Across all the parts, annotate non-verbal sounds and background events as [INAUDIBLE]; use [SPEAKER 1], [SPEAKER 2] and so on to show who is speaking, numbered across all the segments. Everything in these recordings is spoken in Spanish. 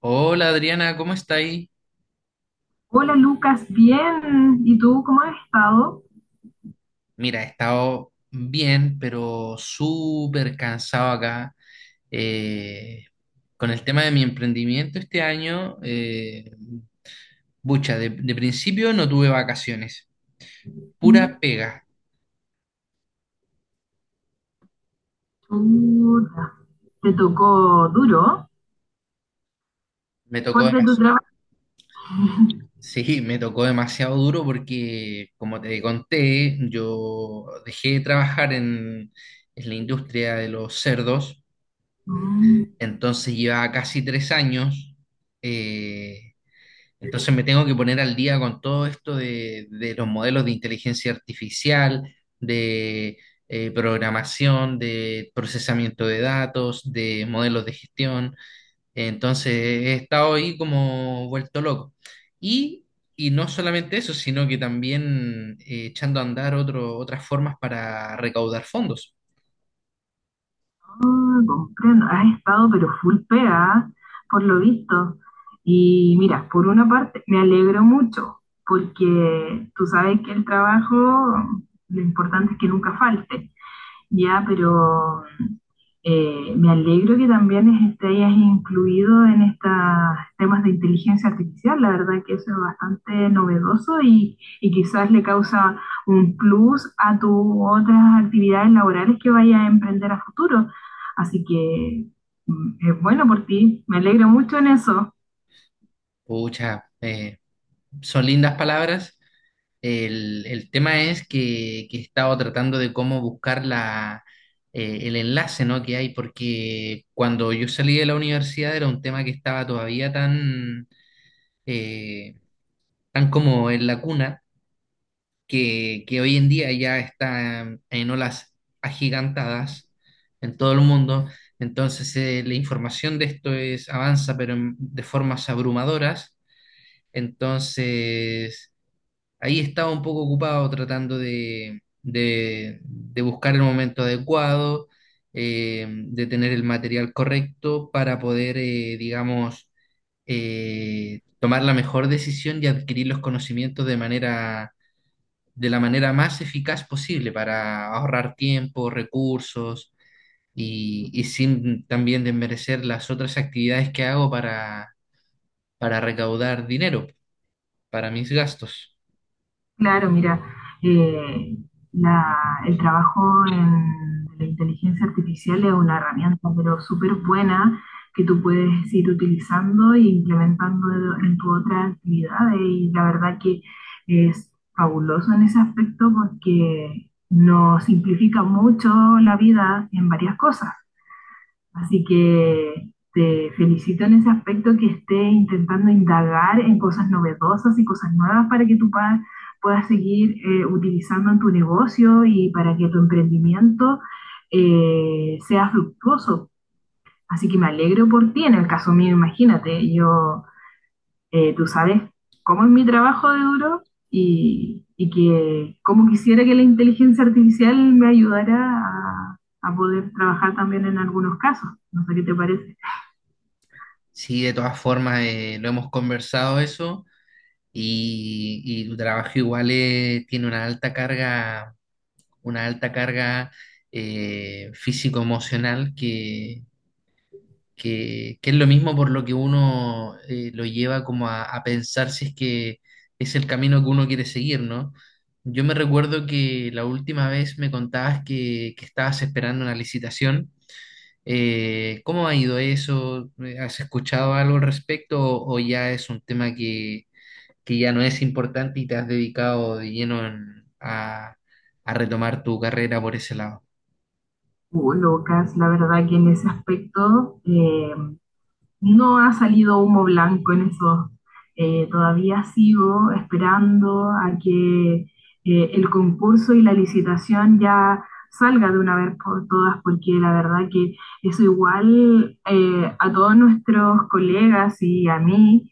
[SPEAKER 1] Hola Adriana, ¿cómo está ahí?
[SPEAKER 2] Hola Lucas, bien. ¿Y tú cómo has estado?
[SPEAKER 1] Mira, he estado bien, pero súper cansado acá. Eh, con el tema de mi emprendimiento este año, bucha, de principio no tuve vacaciones,
[SPEAKER 2] Mm,
[SPEAKER 1] pura pega.
[SPEAKER 2] chuta. ¿Te tocó duro?
[SPEAKER 1] Me tocó,
[SPEAKER 2] ¿Fuerte tu trabajo?
[SPEAKER 1] [LAUGHS] sí, me tocó demasiado duro porque, como te conté, yo dejé de trabajar en la industria de los cerdos,
[SPEAKER 2] Mm,
[SPEAKER 1] entonces llevaba casi 3 años. eh, Entonces me tengo que poner al día con todo esto de los modelos de inteligencia artificial, de programación, de procesamiento de datos, de modelos de gestión. Entonces he estado ahí como vuelto loco. Y, y no solamente eso, sino que también echando a andar otras formas para recaudar fondos.
[SPEAKER 2] ah, comprendo. Has estado pero full pega, por lo visto. Y mira, por una parte me alegro mucho, porque tú sabes que el trabajo, lo importante es que nunca falte. Ya, pero me alegro que también te hayas incluido en estos temas de inteligencia artificial. La verdad que eso es bastante novedoso y quizás le causa un plus a tus otras actividades laborales que vayas a emprender a futuro. Así que mm, es bueno por ti. Me alegro mucho en eso.
[SPEAKER 1] Pucha, son lindas palabras. El tema es que he estado tratando de cómo buscar el enlace, ¿no? Que hay, porque cuando yo salí de la universidad era un tema que estaba todavía tan, eh, tan como en la cuna, que hoy en día ya está en olas agigantadas en todo el mundo. Entonces, la información de esto es, avanza, pero de formas abrumadoras. Entonces ahí estaba un poco ocupado tratando de buscar el momento adecuado, de tener el material correcto para poder, digamos, tomar la mejor decisión y adquirir los conocimientos de la manera más eficaz posible para ahorrar tiempo, recursos y sin también desmerecer las otras actividades que hago para recaudar dinero para mis gastos.
[SPEAKER 2] Claro, mira, eh, la- el trabajo en la inteligencia artificial es una herramienta, pero súper buena que tú puedes ir utilizando e implementando en tu otra actividad. Y la verdad que es fabuloso en ese aspecto porque nos simplifica mucho la vida en varias cosas. Así que te felicito en ese aspecto que esté intentando indagar en cosas novedosas y cosas nuevas para que tú puedas seguir utilizando en tu negocio y para que tu emprendimiento sea fructuoso. Así que me alegro por ti. En el caso mío, imagínate, yo, tú sabes cómo es mi trabajo de duro y que cómo quisiera que la inteligencia artificial me ayudara a poder trabajar también en algunos casos. No sé qué te parece.
[SPEAKER 1] Sí, de todas formas, lo hemos conversado eso y tu trabajo igual tiene una alta carga físico-emocional que es lo mismo por lo que uno lo lleva como a pensar si es que es el camino que uno quiere seguir, ¿no? Yo me recuerdo que la última vez me contabas que estabas esperando una licitación, ¿cómo ha ido eso? ¿Has escuchado algo al respecto o ya es un tema que ya no es importante y te has dedicado de lleno a retomar tu carrera por ese lado?
[SPEAKER 2] Lucas, la verdad que en ese aspecto no ha salido humo blanco en eso. Todavía sigo esperando a que el concurso y la licitación ya salga de una vez por todas, porque la verdad que eso igual a todos nuestros colegas y a mí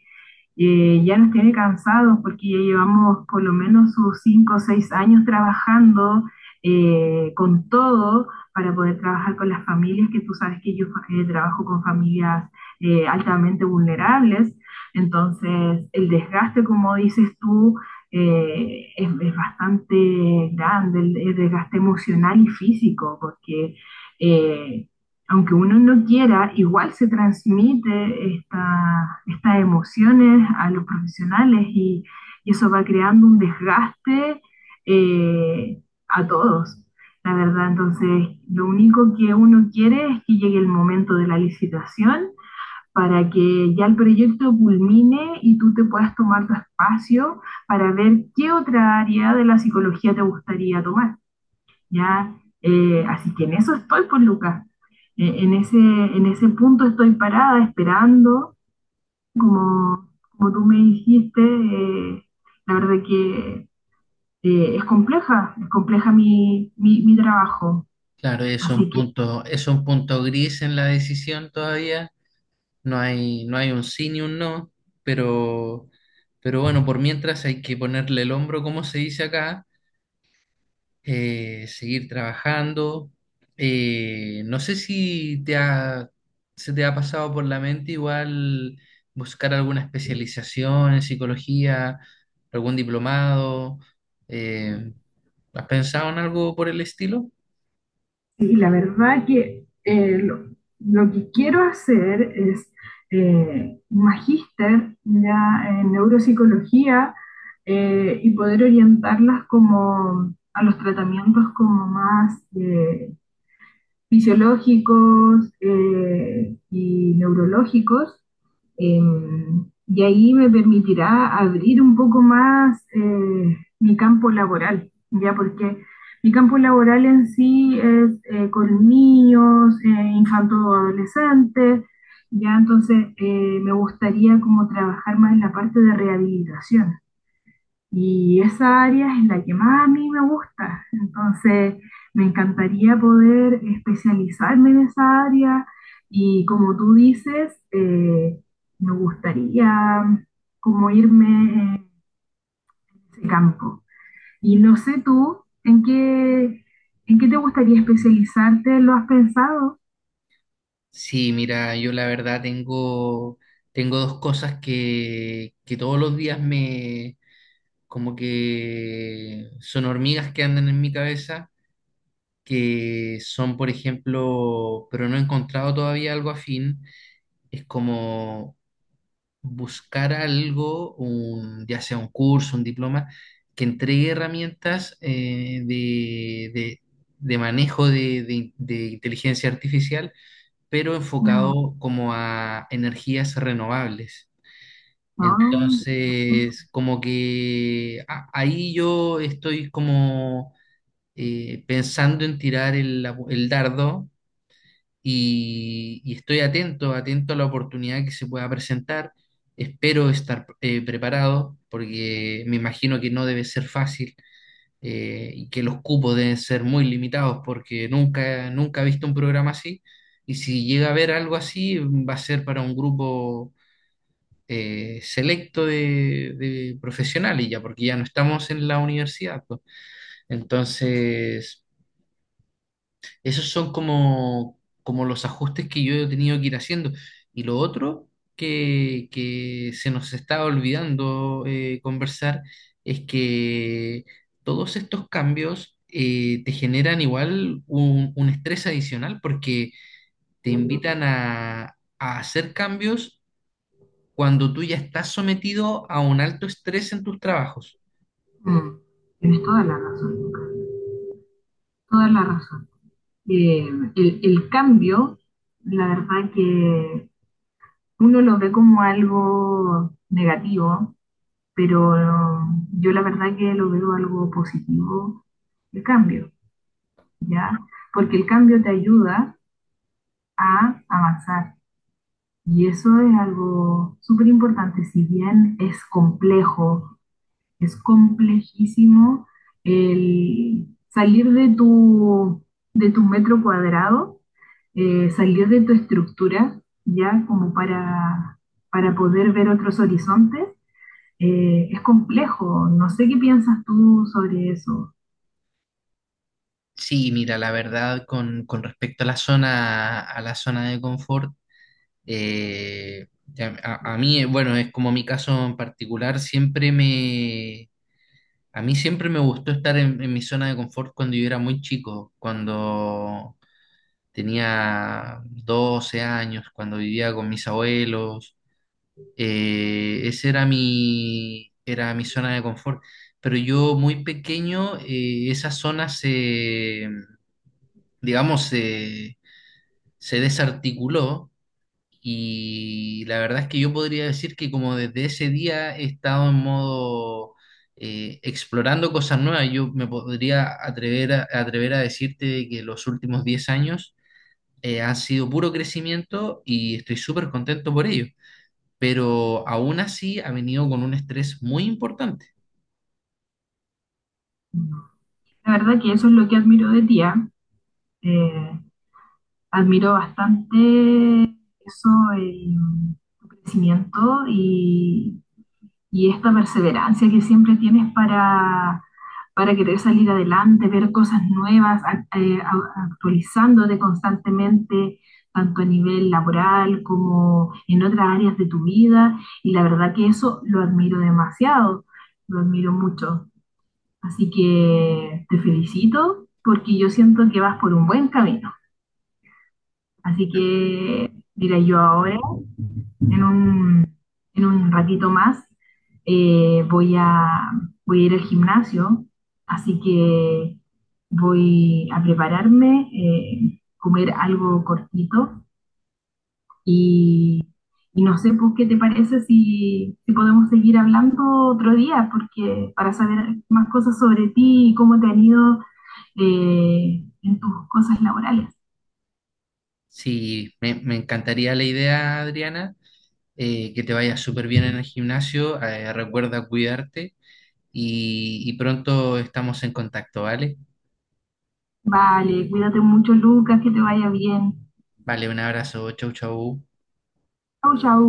[SPEAKER 2] ya nos tiene cansados porque ya llevamos por lo menos sus cinco o seis años trabajando con todo para poder trabajar con las familias, que tú sabes que yo trabajo con familias altamente vulnerables, entonces el desgaste, como dices tú, es bastante grande, desgaste emocional y físico, porque eh, aunque uno no quiera, igual se transmite estas emociones a los profesionales y eso va creando un desgaste eh, a todos, la verdad. Entonces, lo único que uno quiere es que llegue el momento de la licitación para que ya el proyecto culmine y tú te puedas tomar tu espacio para ver qué otra área de la psicología te gustaría tomar. ¿Ya? Así que en eso estoy con Lucas. En ese punto estoy parada esperando, como tú me dijiste, la verdad que es compleja mi trabajo.
[SPEAKER 1] Claro,
[SPEAKER 2] Así.
[SPEAKER 1] es un punto gris en la decisión todavía. No hay, no hay un sí ni un no, pero, pero bueno, por mientras hay que ponerle el hombro, como se dice acá. Seguir trabajando. No sé si te se te ha pasado por la mente igual buscar alguna especialización en psicología, algún diplomado. eh, ¿Has pensado en algo por el estilo?
[SPEAKER 2] Sí, la verdad que lo que quiero hacer es un magíster ya en neuropsicología y poder orientarlas como a los tratamientos como más fisiológicos y neurológicos, eh, y ahí me permitirá abrir un poco más mi campo laboral, ya porque mi campo laboral en sí es con niños, infantos o adolescentes, ya entonces me gustaría como trabajar más en la parte de rehabilitación y esa área es la que más a mí me gusta. Entonces, me encantaría poder especializarme en esa área y como tú dices, me gustaría como irme en ese campo. Y no sé tú, ¿en qué te gustaría especializarte? ¿Lo has pensado?
[SPEAKER 1] Sí, mira, yo la verdad tengo, tengo dos cosas que todos los días me, como que son hormigas que andan en mi cabeza. Que son, por ejemplo, pero no he encontrado todavía algo afín, es como buscar algo, un, ya sea un curso, un diploma, que entregue herramientas de manejo de inteligencia artificial, pero
[SPEAKER 2] Mm,
[SPEAKER 1] enfocado como a energías renovables.
[SPEAKER 2] no, pues,
[SPEAKER 1] Entonces, como que ahí yo estoy como pensando en tirar el dardo y estoy atento, atento a la oportunidad que se pueda presentar. Espero estar preparado porque me imagino que no debe ser fácil y que los cupos deben ser muy limitados porque nunca, nunca he visto un programa así, y si llega a haber algo así va a ser para un grupo selecto de profesionales ya, porque ya no estamos en la universidad, pues. Entonces... esos son como, como los ajustes que yo he tenido que ir haciendo. Y lo otro que se nos está olvidando conversar es que todos estos cambios te generan igual un estrés adicional porque te invitan a hacer cambios cuando tú ya estás sometido a un alto estrés en tus trabajos.
[SPEAKER 2] mm, tienes toda la razón, Lucas. Toda la razón. eh, el cambio, la verdad que uno lo ve como algo negativo, pero yo la verdad que lo veo algo positivo, el cambio, ¿ya? Porque el cambio te ayuda a avanzar y eso es algo súper importante, si bien es complejo. Es complejísimo el salir de tu metro cuadrado, salir de tu estructura, ya como para poder ver otros horizontes. Es complejo, no sé qué piensas tú sobre eso.
[SPEAKER 1] Sí, mira, la verdad, con respecto a la zona de confort, Eh, a mí, bueno, es como mi caso en particular, siempre me, a mí siempre me gustó estar en mi zona de confort cuando yo era muy chico, cuando tenía 12 años, cuando vivía con mis abuelos. Esa era mi zona de confort. Pero yo muy pequeño, esa zona se, digamos, se desarticuló. Y la verdad es que yo podría decir que como desde ese día he estado en modo explorando cosas nuevas. Yo me podría atrever atrever a decirte que los últimos 10 años han sido puro crecimiento y estoy súper contento por ello. Pero aún así ha venido con un estrés muy importante.
[SPEAKER 2] La verdad que eso es lo que admiro de ti. ¿Ah? Eh, admiro bastante eso, el, tu crecimiento y y esta perseverancia que siempre tienes para querer salir adelante, ver cosas nuevas, actualizándote constantemente, tanto a nivel laboral como en otras áreas de tu vida. Y la verdad que eso lo admiro demasiado, lo admiro mucho. Así que te felicito porque yo siento que vas por un buen camino. Así que diré yo ahora en un, en un ratito más eh, voy a, voy a ir al gimnasio, así que voy a prepararme, comer algo cortito y, y no sé, pues, ¿qué te parece si podemos seguir hablando otro día? Porque para saber más cosas sobre ti y cómo te han ido en tus cosas laborales.
[SPEAKER 1] Sí, me encantaría la idea, Adriana, que te vaya súper bien en el gimnasio. Recuerda cuidarte y pronto estamos en contacto, ¿vale?
[SPEAKER 2] Vale, cuídate mucho, Lucas, que te vaya bien.
[SPEAKER 1] Vale, un abrazo, chau, chau.
[SPEAKER 2] Chau, chau.